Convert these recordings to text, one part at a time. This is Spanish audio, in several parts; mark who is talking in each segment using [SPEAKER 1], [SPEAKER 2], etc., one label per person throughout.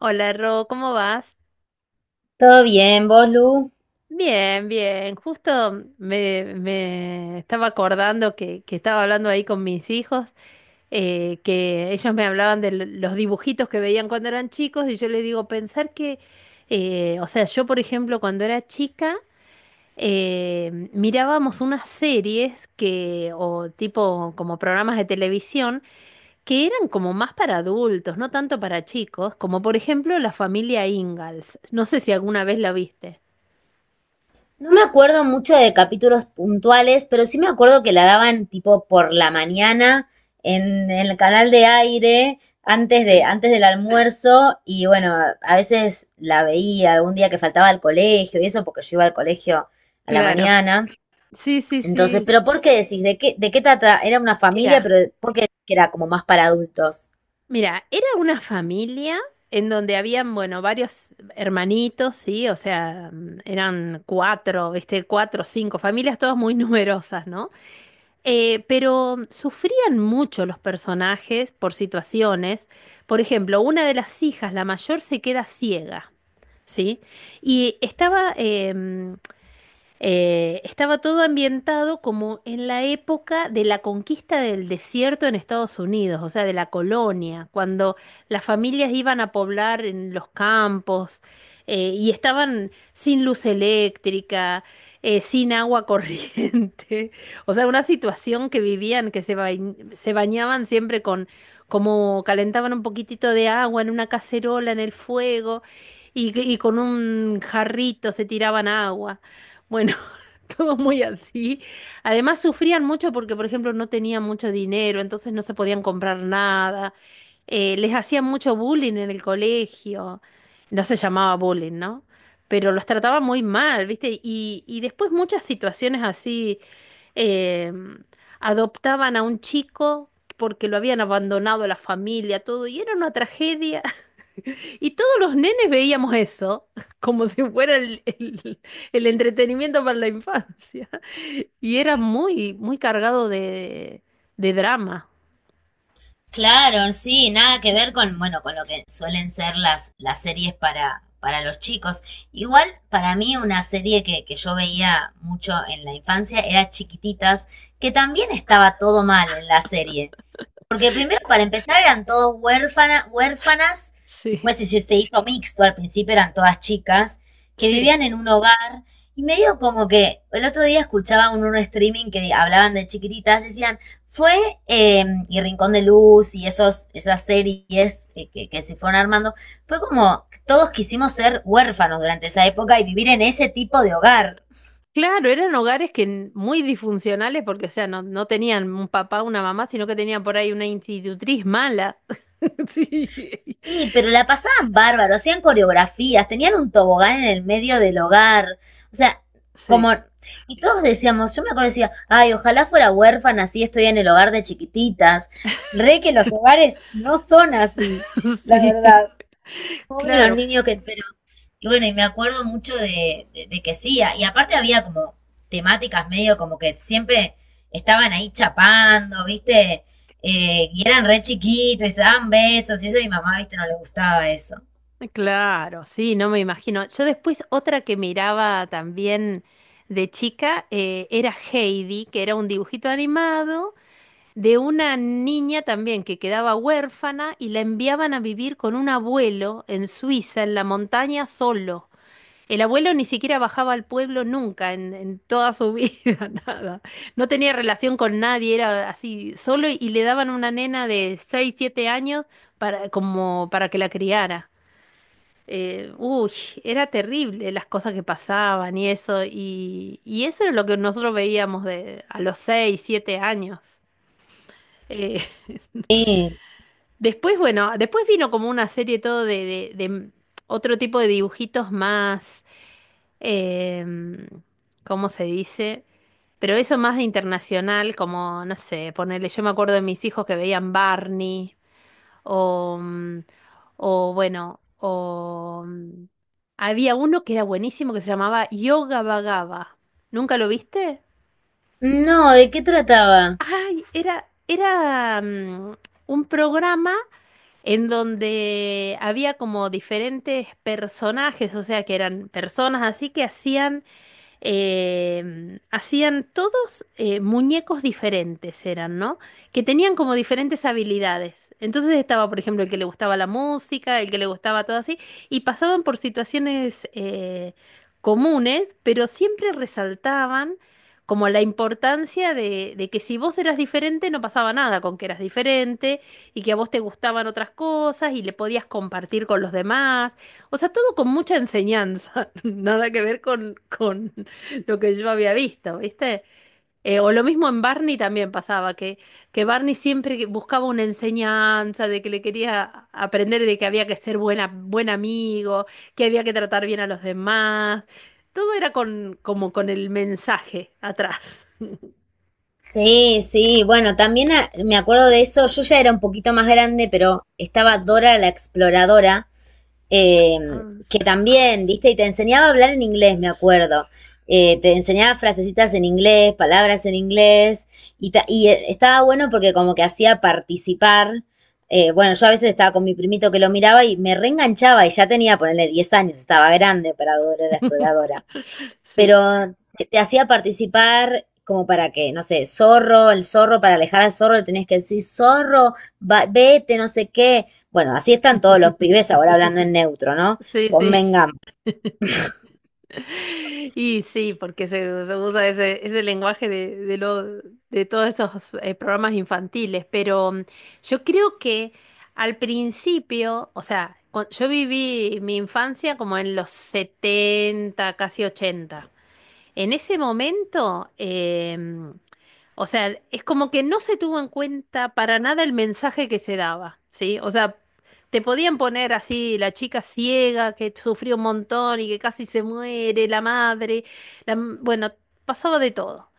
[SPEAKER 1] Hola, Ro, ¿cómo vas?
[SPEAKER 2] Todo bien, vos, Lu.
[SPEAKER 1] Bien, bien. Justo me estaba acordando que estaba hablando ahí con mis hijos, que ellos me hablaban de los dibujitos que veían cuando eran chicos y yo les digo, pensar que, o sea, yo por ejemplo cuando era chica mirábamos unas series que, o tipo como programas de televisión que eran como más para adultos, no tanto para chicos, como por ejemplo La familia Ingalls. No sé si alguna vez la viste.
[SPEAKER 2] No me acuerdo mucho de capítulos puntuales, pero sí me acuerdo que la daban tipo por la mañana en, el canal de aire, antes de,
[SPEAKER 1] Sí,
[SPEAKER 2] antes del almuerzo, y bueno, a veces la veía algún día que faltaba al colegio y eso, porque yo iba al colegio a la
[SPEAKER 1] claro.
[SPEAKER 2] mañana.
[SPEAKER 1] Sí, sí,
[SPEAKER 2] Entonces,
[SPEAKER 1] sí.
[SPEAKER 2] pero ¿por qué decís? ¿De qué trata? Era una familia,
[SPEAKER 1] Mira,
[SPEAKER 2] pero ¿por qué decís que era como más para adultos?
[SPEAKER 1] mira, era una familia en donde habían, bueno, varios hermanitos, sí, o sea, eran cuatro, viste, cuatro, cinco familias, todas muy numerosas, ¿no? Pero sufrían mucho los personajes por situaciones. Por ejemplo, una de las hijas, la mayor, se queda ciega, ¿sí? Y estaba todo ambientado como en la época de la conquista del desierto en Estados Unidos, o sea, de la colonia, cuando las familias iban a poblar en los campos y estaban sin luz eléctrica, sin agua corriente, o sea, una situación que vivían, que se bañaban siempre con, como calentaban un poquitito de agua en una cacerola en el fuego y con un jarrito se tiraban agua. Bueno, todo muy así. Además, sufrían mucho porque, por ejemplo, no tenían mucho dinero, entonces no se podían comprar nada. Les hacían mucho bullying en el colegio. No se llamaba bullying, ¿no? Pero los trataba muy mal, ¿viste? Y después muchas situaciones así, eh, adoptaban a un chico porque lo habían abandonado la familia, todo, y era una tragedia. Y todos los nenes veíamos eso, como si fuera el entretenimiento para la infancia. Y era muy, muy cargado de drama.
[SPEAKER 2] Claro, sí, nada que ver con, bueno, con lo que suelen ser las series para los chicos. Igual, para mí, una serie que yo veía mucho en la infancia era Chiquititas, que también estaba todo mal en la serie. Porque primero, para empezar, eran todos huérfanas,
[SPEAKER 1] Sí,
[SPEAKER 2] después se hizo mixto, al principio eran todas chicas, que
[SPEAKER 1] sí.
[SPEAKER 2] vivían en un hogar, y medio como que el otro día escuchaba un streaming que hablaban de chiquititas, decían, fue, y Rincón de Luz y esos, esas series que se fueron armando, fue como todos quisimos ser huérfanos durante esa época y vivir en ese tipo de hogar.
[SPEAKER 1] Claro, eran hogares que muy disfuncionales porque, o sea, no tenían un papá, una mamá, sino que tenían por ahí una institutriz mala. Sí,
[SPEAKER 2] Sí, pero la pasaban bárbaro, hacían coreografías, tenían un tobogán en el medio del hogar, o sea,
[SPEAKER 1] sí,
[SPEAKER 2] como, y todos decíamos, yo me acuerdo decía, ay, ojalá fuera huérfana, así estoy en el hogar de chiquititas, re que los hogares no son así, la
[SPEAKER 1] sí.
[SPEAKER 2] verdad, pobre los
[SPEAKER 1] Claro,
[SPEAKER 2] niños que, pero y bueno, y me acuerdo mucho de, de que sí, y aparte había como temáticas medio como que siempre estaban ahí chapando, ¿viste? Y eran re chiquitos y se daban besos, y eso a mi mamá, ¿viste? No le gustaba eso.
[SPEAKER 1] claro, sí, no me imagino. Yo después otra que miraba también de chica era Heidi, que era un dibujito animado de una niña también que quedaba huérfana y la enviaban a vivir con un abuelo en Suiza, en la montaña, solo. El abuelo ni siquiera bajaba al pueblo nunca en toda su vida, nada. No tenía relación con nadie, era así, solo y le daban una nena de 6 7 años para, como para que la criara. Eh, uy, Era terrible las cosas que pasaban y eso, y eso era lo que nosotros veíamos de, a los 6 7 años. Eh,
[SPEAKER 2] Sí.
[SPEAKER 1] Después, bueno, después vino como una serie todo de, de otro tipo de dibujitos más, em, ¿cómo se dice? Pero eso más internacional, como, no sé, ponerle, yo me acuerdo de mis hijos que veían Barney, o, o bueno, o había uno que era buenísimo que se llamaba Yoga Vagaba. ¿Nunca lo viste?
[SPEAKER 2] No, ¿de qué trataba?
[SPEAKER 1] Ay, era, era un programa. En donde había como diferentes personajes, o sea, que eran personas así que hacían hacían todos muñecos diferentes, eran, ¿no? Que tenían como diferentes habilidades. Entonces estaba, por ejemplo, el que le gustaba la música, el que le gustaba todo así, y pasaban por situaciones comunes, pero siempre resaltaban como la importancia de que si vos eras diferente no pasaba nada con que eras diferente y que a vos te gustaban otras cosas y le podías compartir con los demás. O sea, todo con mucha enseñanza, nada que ver con lo que yo había visto, ¿viste? O lo mismo en Barney también pasaba, que Barney siempre buscaba una enseñanza de que le quería aprender de que había que ser buena, buen amigo, que había que tratar bien a los demás. Todo era con, como con el mensaje atrás.
[SPEAKER 2] Sí, sí, bueno, también me acuerdo de eso, yo ya era un poquito más grande, pero estaba Dora la Exploradora, eh,
[SPEAKER 1] Ah,
[SPEAKER 2] que
[SPEAKER 1] sí.
[SPEAKER 2] también, viste, y te enseñaba a hablar en inglés, me acuerdo. Te enseñaba frasecitas en inglés, palabras en inglés, y, y estaba bueno porque como que hacía participar. Bueno, yo a veces estaba con mi primito que lo miraba y me reenganchaba y ya tenía, ponerle 10 años, estaba grande para Dora la Exploradora,
[SPEAKER 1] Sí.
[SPEAKER 2] pero te hacía participar como para que, no sé, zorro, el zorro, para alejar al zorro le tenías que decir, zorro, vete, no sé qué. Bueno, así están todos los pibes ahora hablando en neutro, ¿no?
[SPEAKER 1] Sí, sí.
[SPEAKER 2] Convengamos.
[SPEAKER 1] Y sí, porque se usa ese, ese lenguaje de, lo, de todos esos programas infantiles, pero yo creo que al principio, o sea, yo viví mi infancia como en los 70 casi ochenta. En ese momento, o sea, es como que no se tuvo en cuenta para nada el mensaje que se daba, ¿sí? O sea, te podían poner así la chica ciega que sufrió un montón y que casi se muere, la madre, bueno, pasaba de todo.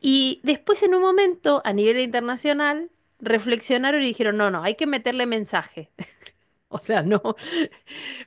[SPEAKER 1] Y después en un momento, a nivel internacional, reflexionaron y dijeron, no, no, hay que meterle mensaje. O sea, no.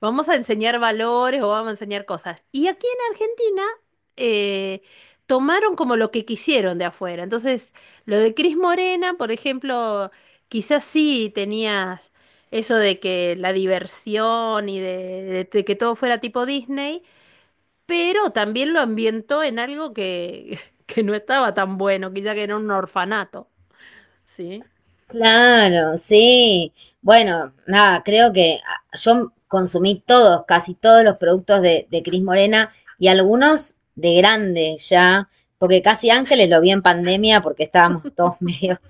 [SPEAKER 1] Vamos a enseñar valores o vamos a enseñar cosas. Y aquí en Argentina eh, tomaron como lo que quisieron de afuera. Entonces, lo de Cris Morena, por ejemplo, quizás sí tenías eso de que la diversión y de, de que todo fuera tipo Disney, pero también lo ambientó en algo que, que no estaba tan bueno, quizá que era un orfanato. Sí,
[SPEAKER 2] Claro, sí. Bueno, nada, creo que yo consumí todos, casi todos los productos de Cris Morena y algunos de grande ya, porque casi Ángeles lo vi en pandemia porque estábamos todos medio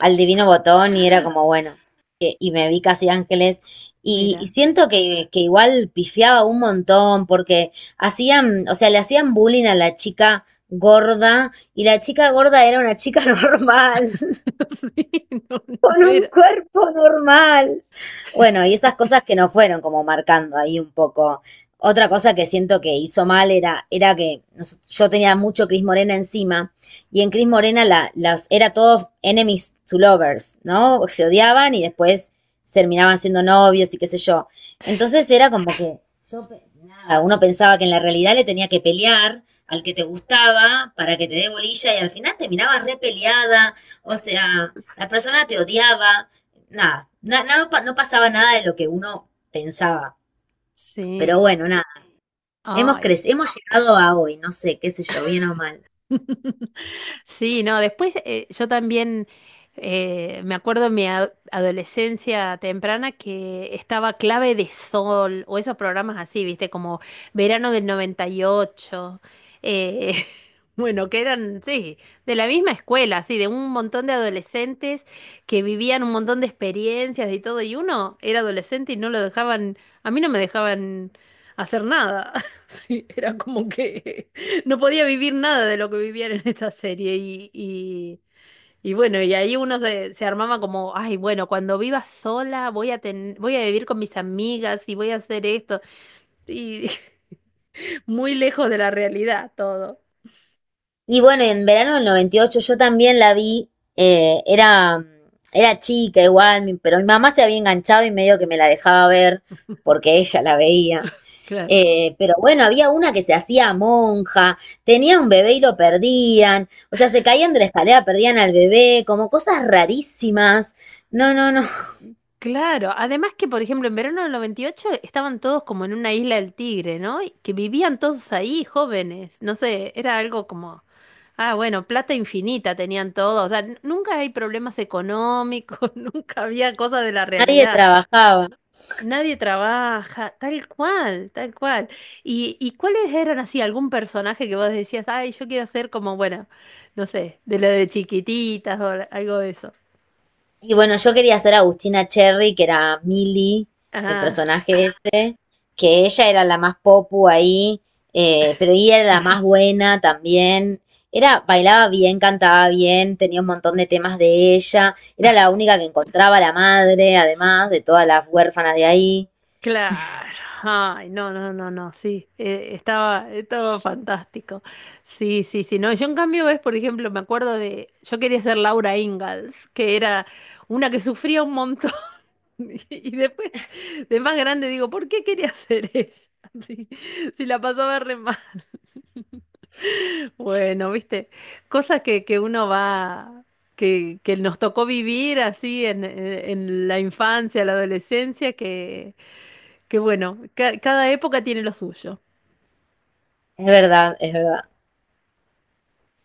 [SPEAKER 2] al Divino Botón y era como, bueno, y me vi casi ángeles y
[SPEAKER 1] mira.
[SPEAKER 2] siento que igual pifiaba un montón porque hacían, o sea, le hacían bullying a la chica gorda y la chica gorda era una chica normal
[SPEAKER 1] Sí, no, no
[SPEAKER 2] con un
[SPEAKER 1] era.
[SPEAKER 2] cuerpo normal. Bueno, y esas cosas que nos fueron como marcando ahí un poco. Otra cosa que siento que hizo mal era, era que yo tenía mucho Cris Morena encima y en Cris Morena la, las, era todo enemies to lovers, ¿no? Se odiaban y después terminaban siendo novios y qué sé yo. Entonces era como que yo, nada, uno pensaba que en la realidad le tenía que pelear al que te gustaba para que te dé bolilla y al final terminabas repeleada. O sea, la persona te odiaba, nada, no, no pasaba nada de lo que uno pensaba. Pero
[SPEAKER 1] Sí.
[SPEAKER 2] bueno, nada, hemos
[SPEAKER 1] Ay.
[SPEAKER 2] crecido, hemos llegado a hoy, no sé, qué sé yo, bien o mal.
[SPEAKER 1] Sí, no, después yo también me acuerdo en mi adolescencia temprana que estaba Clave de Sol o esos programas así, viste, como Verano del 98, eh, bueno, que eran, sí, de la misma escuela, así, de un montón de adolescentes que vivían un montón de experiencias y todo, y uno era adolescente y no lo dejaban, a mí no me dejaban hacer nada, sí, era como que... No podía vivir nada de lo que vivían en esta serie y bueno, y ahí uno se, se armaba como, ay, bueno, cuando viva sola voy a voy a vivir con mis amigas y voy a hacer esto. Y muy lejos de la realidad todo.
[SPEAKER 2] Y bueno, en verano del 98 yo también la vi, era, era chica igual, pero mi mamá se había enganchado y medio que me la dejaba ver porque ella la veía.
[SPEAKER 1] Claro.
[SPEAKER 2] Pero bueno, había una que se hacía monja, tenía un bebé y lo perdían, o sea, se caían de la escalera, perdían al bebé, como cosas rarísimas. No, no, no,
[SPEAKER 1] Claro, además que por ejemplo en verano del 98 estaban todos como en una isla del Tigre, ¿no? Y que vivían todos ahí, jóvenes, no sé, era algo como, ah, bueno, plata infinita tenían todos, o sea, nunca hay problemas económicos, nunca había cosas de la
[SPEAKER 2] nadie
[SPEAKER 1] realidad,
[SPEAKER 2] trabajaba.
[SPEAKER 1] nadie trabaja, tal cual, tal cual. Y cuáles eran así algún personaje que vos decías, ay, yo quiero ser como, bueno, no sé, de lo de chiquititas o algo de eso?
[SPEAKER 2] Y bueno, yo quería hacer a Agustina Cherry, que era Millie, el personaje ese, que ella era la más popu ahí, pero ella era la más buena también. Era, bailaba bien, cantaba bien, tenía un montón de temas de ella. Era la única que encontraba a la madre, además de todas las huérfanas de ahí.
[SPEAKER 1] Claro, ay, no, no, no, no, sí, estaba, estaba fantástico. Sí, sí, sí, no, yo en cambio, ves, por ejemplo, me acuerdo de, yo quería ser Laura Ingalls, que era una que sufría un montón, y después, de más grande, digo, ¿por qué quería ser ella? Sí, si la pasaba re mal. Bueno, viste, cosas que uno va, que nos tocó vivir así en la infancia, la adolescencia, que bueno. Cada época tiene lo suyo.
[SPEAKER 2] Es verdad, es verdad.